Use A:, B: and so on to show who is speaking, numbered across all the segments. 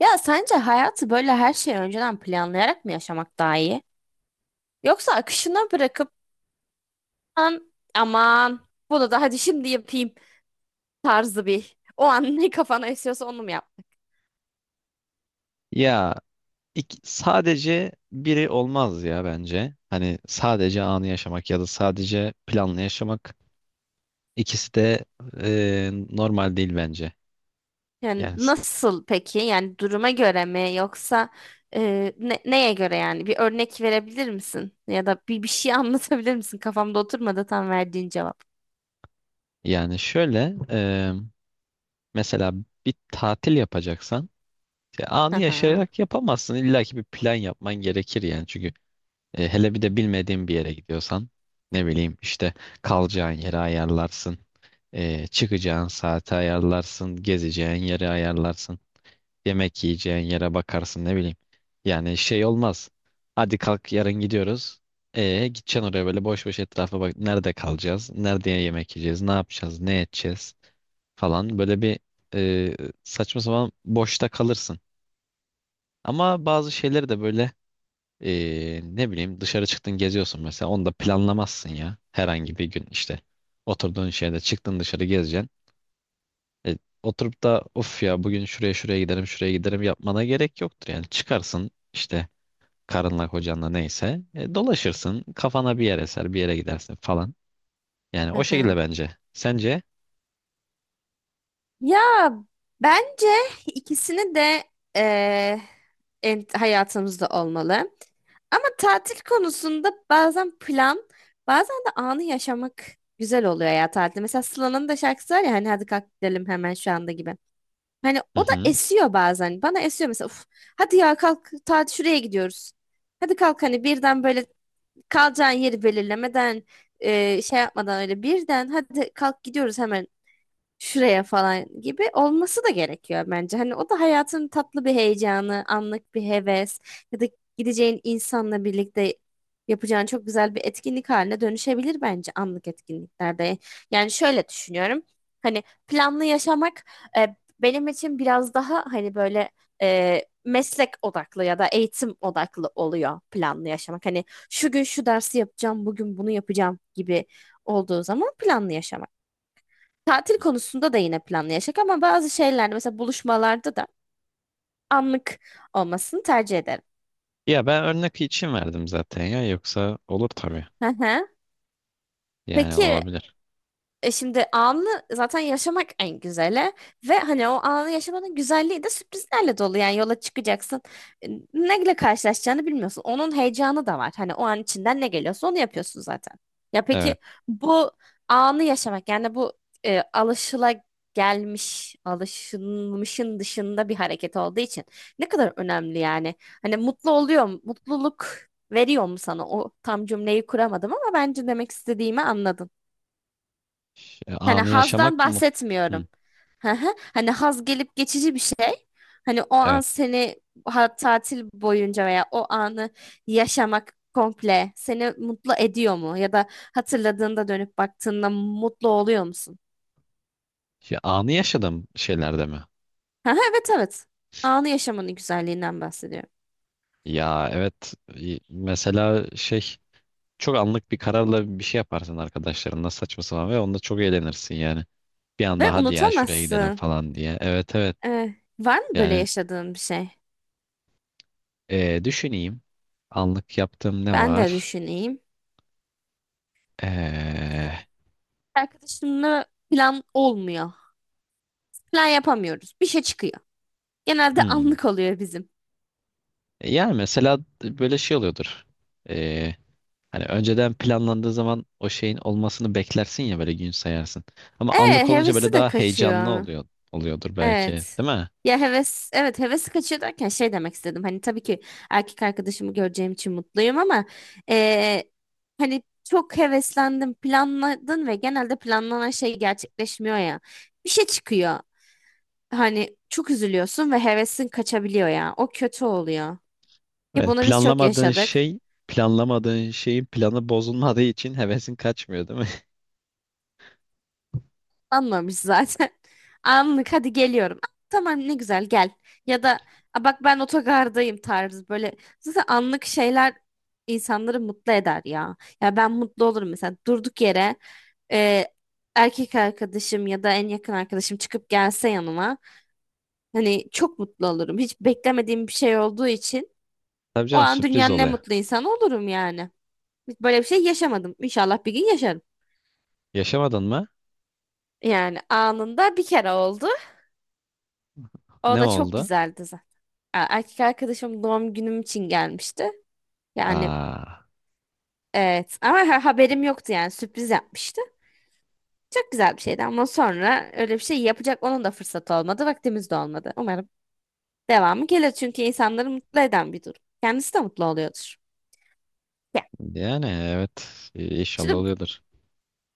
A: Ya sence hayatı böyle her şeyi önceden planlayarak mı yaşamak daha iyi? Yoksa akışına bırakıp " aman bunu da hadi şimdi yapayım tarzı bir o an ne kafana esiyorsa onu mu yapmak?
B: Ya sadece biri olmaz ya bence. Hani sadece anı yaşamak ya da sadece planlı yaşamak ikisi de normal değil bence.
A: Yani
B: Yani s-
A: nasıl peki? Yani duruma göre mi yoksa neye göre yani? Bir örnek verebilir misin? Ya da bir şey anlatabilir misin? Kafamda oturmadı tam verdiğin cevap.
B: Yani şöyle, mesela bir tatil yapacaksan anı
A: Hı
B: yaşayarak yapamazsın. İlla ki bir plan yapman gerekir yani. Çünkü hele bir de bilmediğin bir yere gidiyorsan ne bileyim işte kalacağın yeri ayarlarsın. E, çıkacağın saati ayarlarsın, gezeceğin yeri ayarlarsın. Yemek yiyeceğin yere bakarsın ne bileyim. Yani şey olmaz. Hadi kalk yarın gidiyoruz. E gideceksin oraya böyle boş boş etrafa bak. Nerede kalacağız? Nerede yemek yiyeceğiz? Ne yapacağız? Ne edeceğiz? Falan, böyle bir e, saçma sapan boşta kalırsın. Ama bazı şeyleri de böyle, ne bileyim, dışarı çıktın geziyorsun mesela, onu da planlamazsın ya. Herhangi bir gün işte oturduğun şeyde çıktın dışarı gezeceksin. E, oturup da of ya bugün şuraya şuraya giderim şuraya giderim yapmana gerek yoktur. Yani çıkarsın işte karınla kocanla neyse, dolaşırsın, kafana bir yer eser bir yere gidersin falan. Yani o
A: hı.
B: şekilde bence. Sence?
A: Ya bence ikisini de eee, hayatımızda olmalı. Ama tatil konusunda bazen plan, bazen de anı yaşamak güzel oluyor ya tatilde. Mesela Sıla'nın da şarkısı var ya hani hadi kalk gidelim hemen şu anda gibi. Hani
B: Hı
A: o da
B: hı.
A: esiyor bazen. Bana esiyor mesela. Uf, hadi ya kalk tatil şuraya gidiyoruz. Hadi kalk hani birden böyle kalacağın yeri belirlemeden şey yapmadan öyle birden hadi kalk gidiyoruz hemen şuraya falan gibi olması da gerekiyor bence. Hani o da hayatın tatlı bir heyecanı, anlık bir heves ya da gideceğin insanla birlikte yapacağın çok güzel bir etkinlik haline dönüşebilir bence anlık etkinliklerde. Yani şöyle düşünüyorum. Hani planlı yaşamak e, benim için biraz daha hani böyle meslek odaklı ya da eğitim odaklı oluyor planlı yaşamak. Hani şu gün şu dersi yapacağım, bugün bunu yapacağım gibi olduğu zaman planlı yaşamak. Tatil konusunda da yine planlı yaşak ama bazı şeylerde mesela buluşmalarda da anlık olmasını tercih ederim.
B: Ya ben örnek için verdim zaten ya, yoksa olur tabii.
A: Hı hı.
B: Yani
A: Peki.
B: olabilir.
A: Şimdi anı zaten yaşamak en güzeli ve hani o anı yaşamanın güzelliği de sürprizlerle dolu. Yani yola çıkacaksın. E, Neyle karşılaşacağını bilmiyorsun. Onun heyecanı da var. Hani o an içinden ne geliyorsa onu yapıyorsun zaten. Ya
B: Evet.
A: peki bu anı yaşamak yani bu alışıla gelmiş, alışılmışın dışında bir hareket olduğu için ne kadar önemli yani. Hani mutlu oluyor, mu? Mutluluk veriyor mu sana? O tam cümleyi kuramadım ama bence demek istediğimi anladın. Hani
B: Anı
A: hazdan
B: yaşamak mı?
A: bahsetmiyorum.
B: Hı,
A: Hı hı. Hani haz gelip geçici bir şey. Hani o an
B: evet.
A: seni tatil boyunca veya o anı yaşamak komple seni mutlu ediyor mu? Ya da hatırladığında dönüp baktığında mutlu oluyor musun?
B: Ya, anı yaşadım şeylerde mi?
A: Hı hı, evet, evet. Anı yaşamanın güzelliğinden bahsediyorum.
B: Ya evet. Mesela şey, çok anlık bir kararla bir şey yaparsın arkadaşlarınla, saçma sapan, ve onda çok eğlenirsin yani. Bir
A: Ve
B: anda hadi ya şuraya gidelim
A: unutamazsın.
B: falan diye. Evet evet,
A: Eh, var mı böyle
B: yani
A: yaşadığın bir şey?
B: düşüneyim. Anlık yaptığım ne
A: Ben de
B: var?
A: düşüneyim.
B: E,
A: Arkadaşımla plan olmuyor. Plan yapamıyoruz. Bir şey çıkıyor. Genelde
B: hmm.
A: anlık oluyor bizim.
B: Yani mesela böyle şey oluyordur. E, Hani önceden planlandığı zaman o şeyin olmasını beklersin ya, böyle gün sayarsın. Ama
A: Evet,
B: anlık olunca böyle
A: hevesi de
B: daha heyecanlı
A: kaçıyor.
B: oluyor, oluyordur belki,
A: Evet.
B: değil mi?
A: Ya heves, evet, hevesi kaçıyor derken şey demek istedim. Hani tabii ki erkek arkadaşımı göreceğim için mutluyum ama eee, hani çok heveslendim, planladın ve genelde planlanan şey gerçekleşmiyor ya. Bir şey çıkıyor. Hani çok üzülüyorsun ve hevesin kaçabiliyor ya. O kötü oluyor. Ki
B: Evet,
A: bunu biz çok yaşadık.
B: planlamadığın şeyin planı bozulmadığı için hevesin kaçmıyor, değil mi?
A: Anlamış zaten. Anlık hadi geliyorum. "Ah, tamam ne güzel gel." Ya da "Aa, bak ben otogardayım" tarzı böyle. Zaten anlık şeyler insanları mutlu eder ya. Ya ben mutlu olurum mesela durduk yere e, erkek arkadaşım ya da en yakın arkadaşım çıkıp gelse yanıma. Hani çok mutlu olurum. Hiç beklemediğim bir şey olduğu için
B: Tabii
A: o
B: canım,
A: an
B: sürpriz
A: dünyanın en
B: oluyor.
A: mutlu insanı olurum yani. Hiç böyle bir şey yaşamadım. İnşallah bir gün yaşarım.
B: Yaşamadın mı?
A: Yani anında bir kere oldu. O
B: Ne
A: da çok
B: oldu?
A: güzeldi. Erkek arkadaşım doğum günüm için gelmişti. Yani
B: Aa,
A: evet, ama haberim yoktu yani sürpriz yapmıştı. Çok güzel bir şeydi ama sonra öyle bir şey yapacak onun da fırsatı olmadı. Vaktimiz de olmadı. Umarım devamı gelir çünkü insanları mutlu eden bir durum. Kendisi de mutlu oluyordur. Ya,
B: yani evet, inşallah
A: şimdi,
B: oluyordur.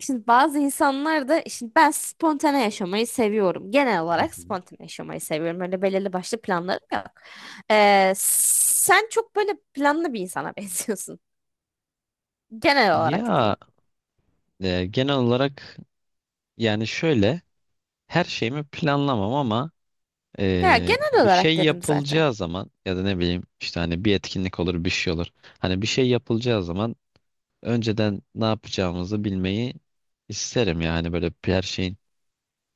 A: şimdi bazı insanlar da şimdi ben spontane yaşamayı seviyorum. Genel
B: Hı
A: olarak
B: hı.
A: spontane yaşamayı seviyorum. Öyle belirli başlı planlarım yok. Sen çok böyle planlı bir insana benziyorsun. Genel olarak diyeyim.
B: Ya, genel olarak, yani şöyle, her şeyimi planlamam ama
A: Ya genel
B: Bir
A: olarak
B: şey
A: dedim zaten.
B: yapılacağı zaman ya da ne bileyim işte, hani bir etkinlik olur, bir şey olur. Hani bir şey yapılacağı zaman önceden ne yapacağımızı bilmeyi isterim yani. Böyle her şeyin,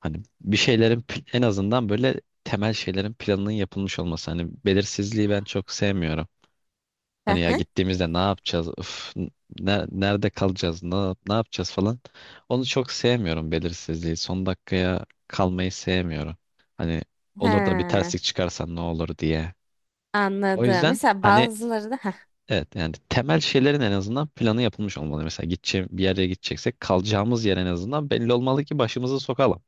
B: hani bir şeylerin, en azından böyle temel şeylerin planının yapılmış olması. Hani belirsizliği ben çok sevmiyorum.
A: Hı
B: Hani ya
A: hı.
B: gittiğimizde ne yapacağız? Üf, nerede kalacağız? Ne, ne yapacağız falan. Onu çok sevmiyorum, belirsizliği. Son dakikaya kalmayı sevmiyorum. Hani olur da bir
A: Ha,
B: terslik çıkarsa ne olur diye. O
A: anladım.
B: yüzden
A: Mesela
B: hani
A: bazıları da ha.
B: evet, yani temel şeylerin en azından planı yapılmış olmalı. Mesela gideceğim bir yere gideceksek kalacağımız yer en azından belli olmalı ki başımızı sokalım.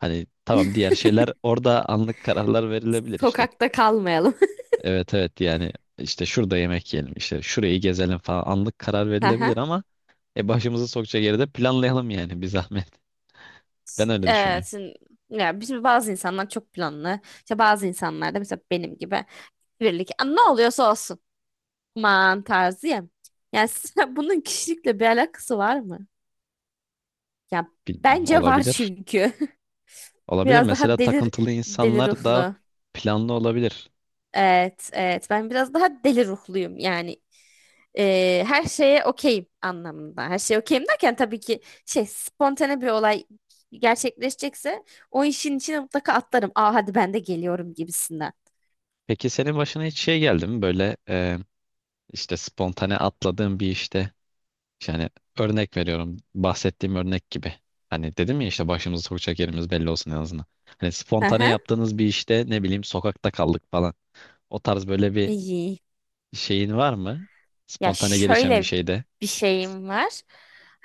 B: Hani tamam, diğer şeyler orada anlık kararlar verilebilir işte.
A: Sokakta kalmayalım.
B: Evet evet, yani işte şurada yemek yiyelim, işte şurayı gezelim falan, anlık karar
A: Hı hı.
B: verilebilir ama başımızı sokacak yeri de planlayalım yani, bir zahmet. Ben öyle
A: Evet,
B: düşünüyorum.
A: şimdi, ya bizim bazı insanlar çok planlı. İşte bazı insanlar da mesela benim gibi birlik. "Aa, ne oluyorsa olsun." Aman tarzı ya. Yani sen- bunun kişilikle bir alakası var mı? Ya
B: Bilmiyorum,
A: bence var
B: olabilir.
A: çünkü.
B: Olabilir,
A: Biraz
B: mesela
A: daha
B: takıntılı
A: deli
B: insanlar daha
A: ruhlu.
B: planlı olabilir.
A: Evet, evet. Ben biraz daha deli ruhluyum yani. Her şeye okeyim anlamında. Her şeye okeyim derken tabii ki şey spontane bir olay gerçekleşecekse o işin içine mutlaka atlarım. Aa hadi ben de geliyorum gibisinden.
B: Peki senin başına hiç şey geldi mi böyle, işte spontane atladığın bir işte, yani örnek veriyorum, bahsettiğim örnek gibi. Hani dedim ya işte başımızı sokacak yerimiz belli olsun en azından. Hani
A: Hı
B: spontane
A: hı.
B: yaptığınız bir işte ne bileyim sokakta kaldık falan. O tarz böyle bir
A: İyi.
B: şeyin var mı?
A: Ya
B: Spontane gelişen bir
A: şöyle
B: şeyde.
A: bir şeyim var.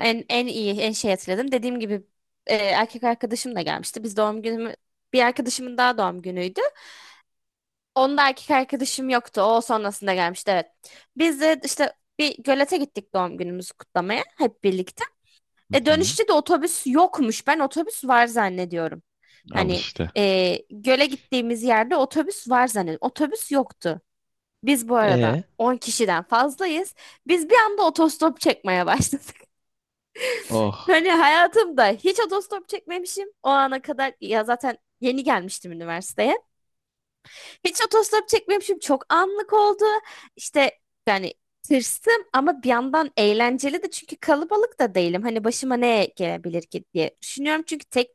A: En iyi, şey hatırladım. Dediğim gibi erkek arkadaşım da gelmişti. Biz doğum günümü, bir arkadaşımın daha doğum günüydü. Onda erkek arkadaşım yoktu. O sonrasında gelmişti, evet. Biz de işte bir gölete gittik doğum günümüzü kutlamaya hep birlikte.
B: Hı hı.
A: Dönüşte de otobüs yokmuş. Ben otobüs var zannediyorum.
B: Al
A: Hani
B: işte.
A: göle gittiğimiz yerde otobüs var zannediyorum. Otobüs yoktu. Biz bu arada
B: E,
A: 10 kişiden fazlayız. Biz bir anda otostop çekmeye başladık.
B: oh.
A: Hani hayatımda hiç otostop çekmemişim. O ana kadar ya zaten yeni gelmiştim üniversiteye. Hiç otostop çekmemişim. Çok anlık oldu. İşte yani tırstım ama bir yandan eğlenceli de çünkü kalabalık da değilim. Hani başıma ne gelebilir ki diye düşünüyorum. Çünkü tek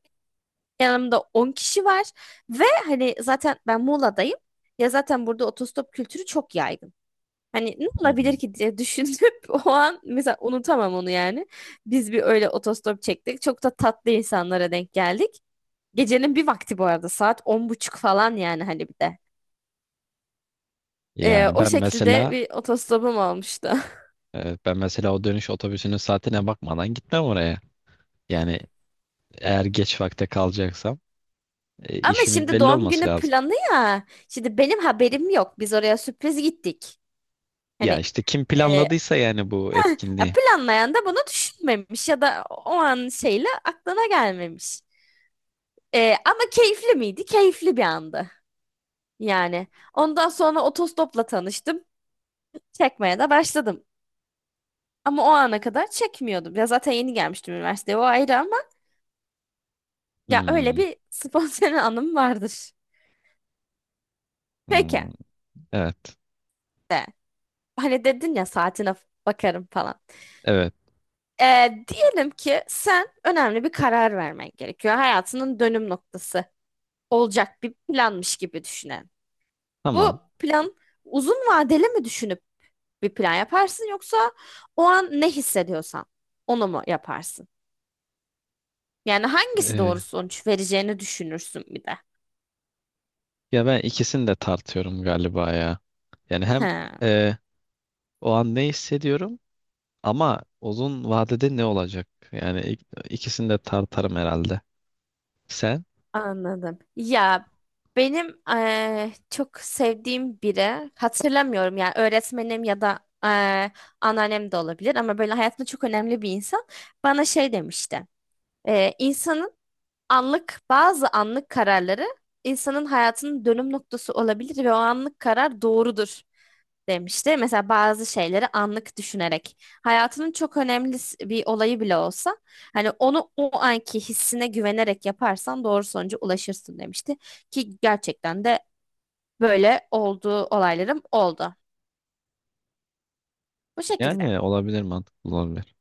A: yanımda 10 kişi var ve hani zaten ben Muğla'dayım. Ya zaten burada otostop kültürü çok yaygın. Hani ne olabilir
B: Hı.
A: ki diye düşünüp o an mesela unutamam onu yani. Biz bir öyle otostop çektik. Çok da tatlı insanlara denk geldik. Gecenin bir vakti bu arada saat 10.30 falan yani hani bir de. Ee,
B: Yani
A: o
B: ben
A: şekilde
B: mesela,
A: bir otostopum olmuştu.
B: o dönüş otobüsünün saatine bakmadan gitmem oraya. Yani eğer geç vakte kalacaksam
A: Ama
B: işimin
A: şimdi
B: belli
A: doğum
B: olması
A: günü
B: lazım.
A: planı ya. Şimdi benim haberim yok. Biz oraya sürpriz gittik.
B: Ya
A: Hani
B: işte kim
A: e,
B: planladıysa yani bu
A: ya
B: etkinliği.
A: planlayan da bunu düşünmemiş ya da o an şeyle aklına gelmemiş. Ama keyifli miydi? Keyifli bir andı. Yani ondan sonra otostopla tanıştım. Çekmeye de başladım. Ama o ana kadar çekmiyordum. Ya zaten yeni gelmiştim üniversiteye, o ayrı, ama ya öyle
B: Hmm,
A: bir spontane anım vardır. Peki,
B: hmm, evet.
A: hani dedin ya saatine bakarım falan.
B: Evet.
A: Diyelim ki sen önemli bir karar vermen gerekiyor. Hayatının dönüm noktası olacak bir planmış gibi düşünelim.
B: Tamam.
A: Bu plan uzun vadeli mi düşünüp bir plan yaparsın yoksa o an ne hissediyorsan onu mu yaparsın? Yani hangisi
B: E,
A: doğru sonuç vereceğini düşünürsün bir de.
B: Ya ben ikisini de tartıyorum galiba ya. Yani hem
A: He.
B: e, o an ne hissediyorum, ama uzun vadede ne olacak? Yani ikisini de tartarım herhalde. Sen?
A: Anladım. Ya benim çok sevdiğim biri hatırlamıyorum yani öğretmenim ya da anneannem de olabilir ama böyle hayatımda çok önemli bir insan bana şey demişti. İnsanın bazı anlık kararları insanın hayatının dönüm noktası olabilir ve o anlık karar doğrudur demişti. Mesela bazı şeyleri anlık düşünerek hayatının çok önemli bir olayı bile olsa hani onu o anki hissine güvenerek yaparsan doğru sonuca ulaşırsın demişti. Ki gerçekten de böyle olduğu olaylarım oldu. Bu şekilde.
B: Yani olabilir, mantıklı olabilir.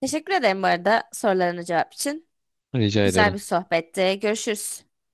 A: Teşekkür ederim bu arada sorularına cevap için.
B: Rica
A: Güzel bir
B: ediyorum.
A: sohbetti. Görüşürüz.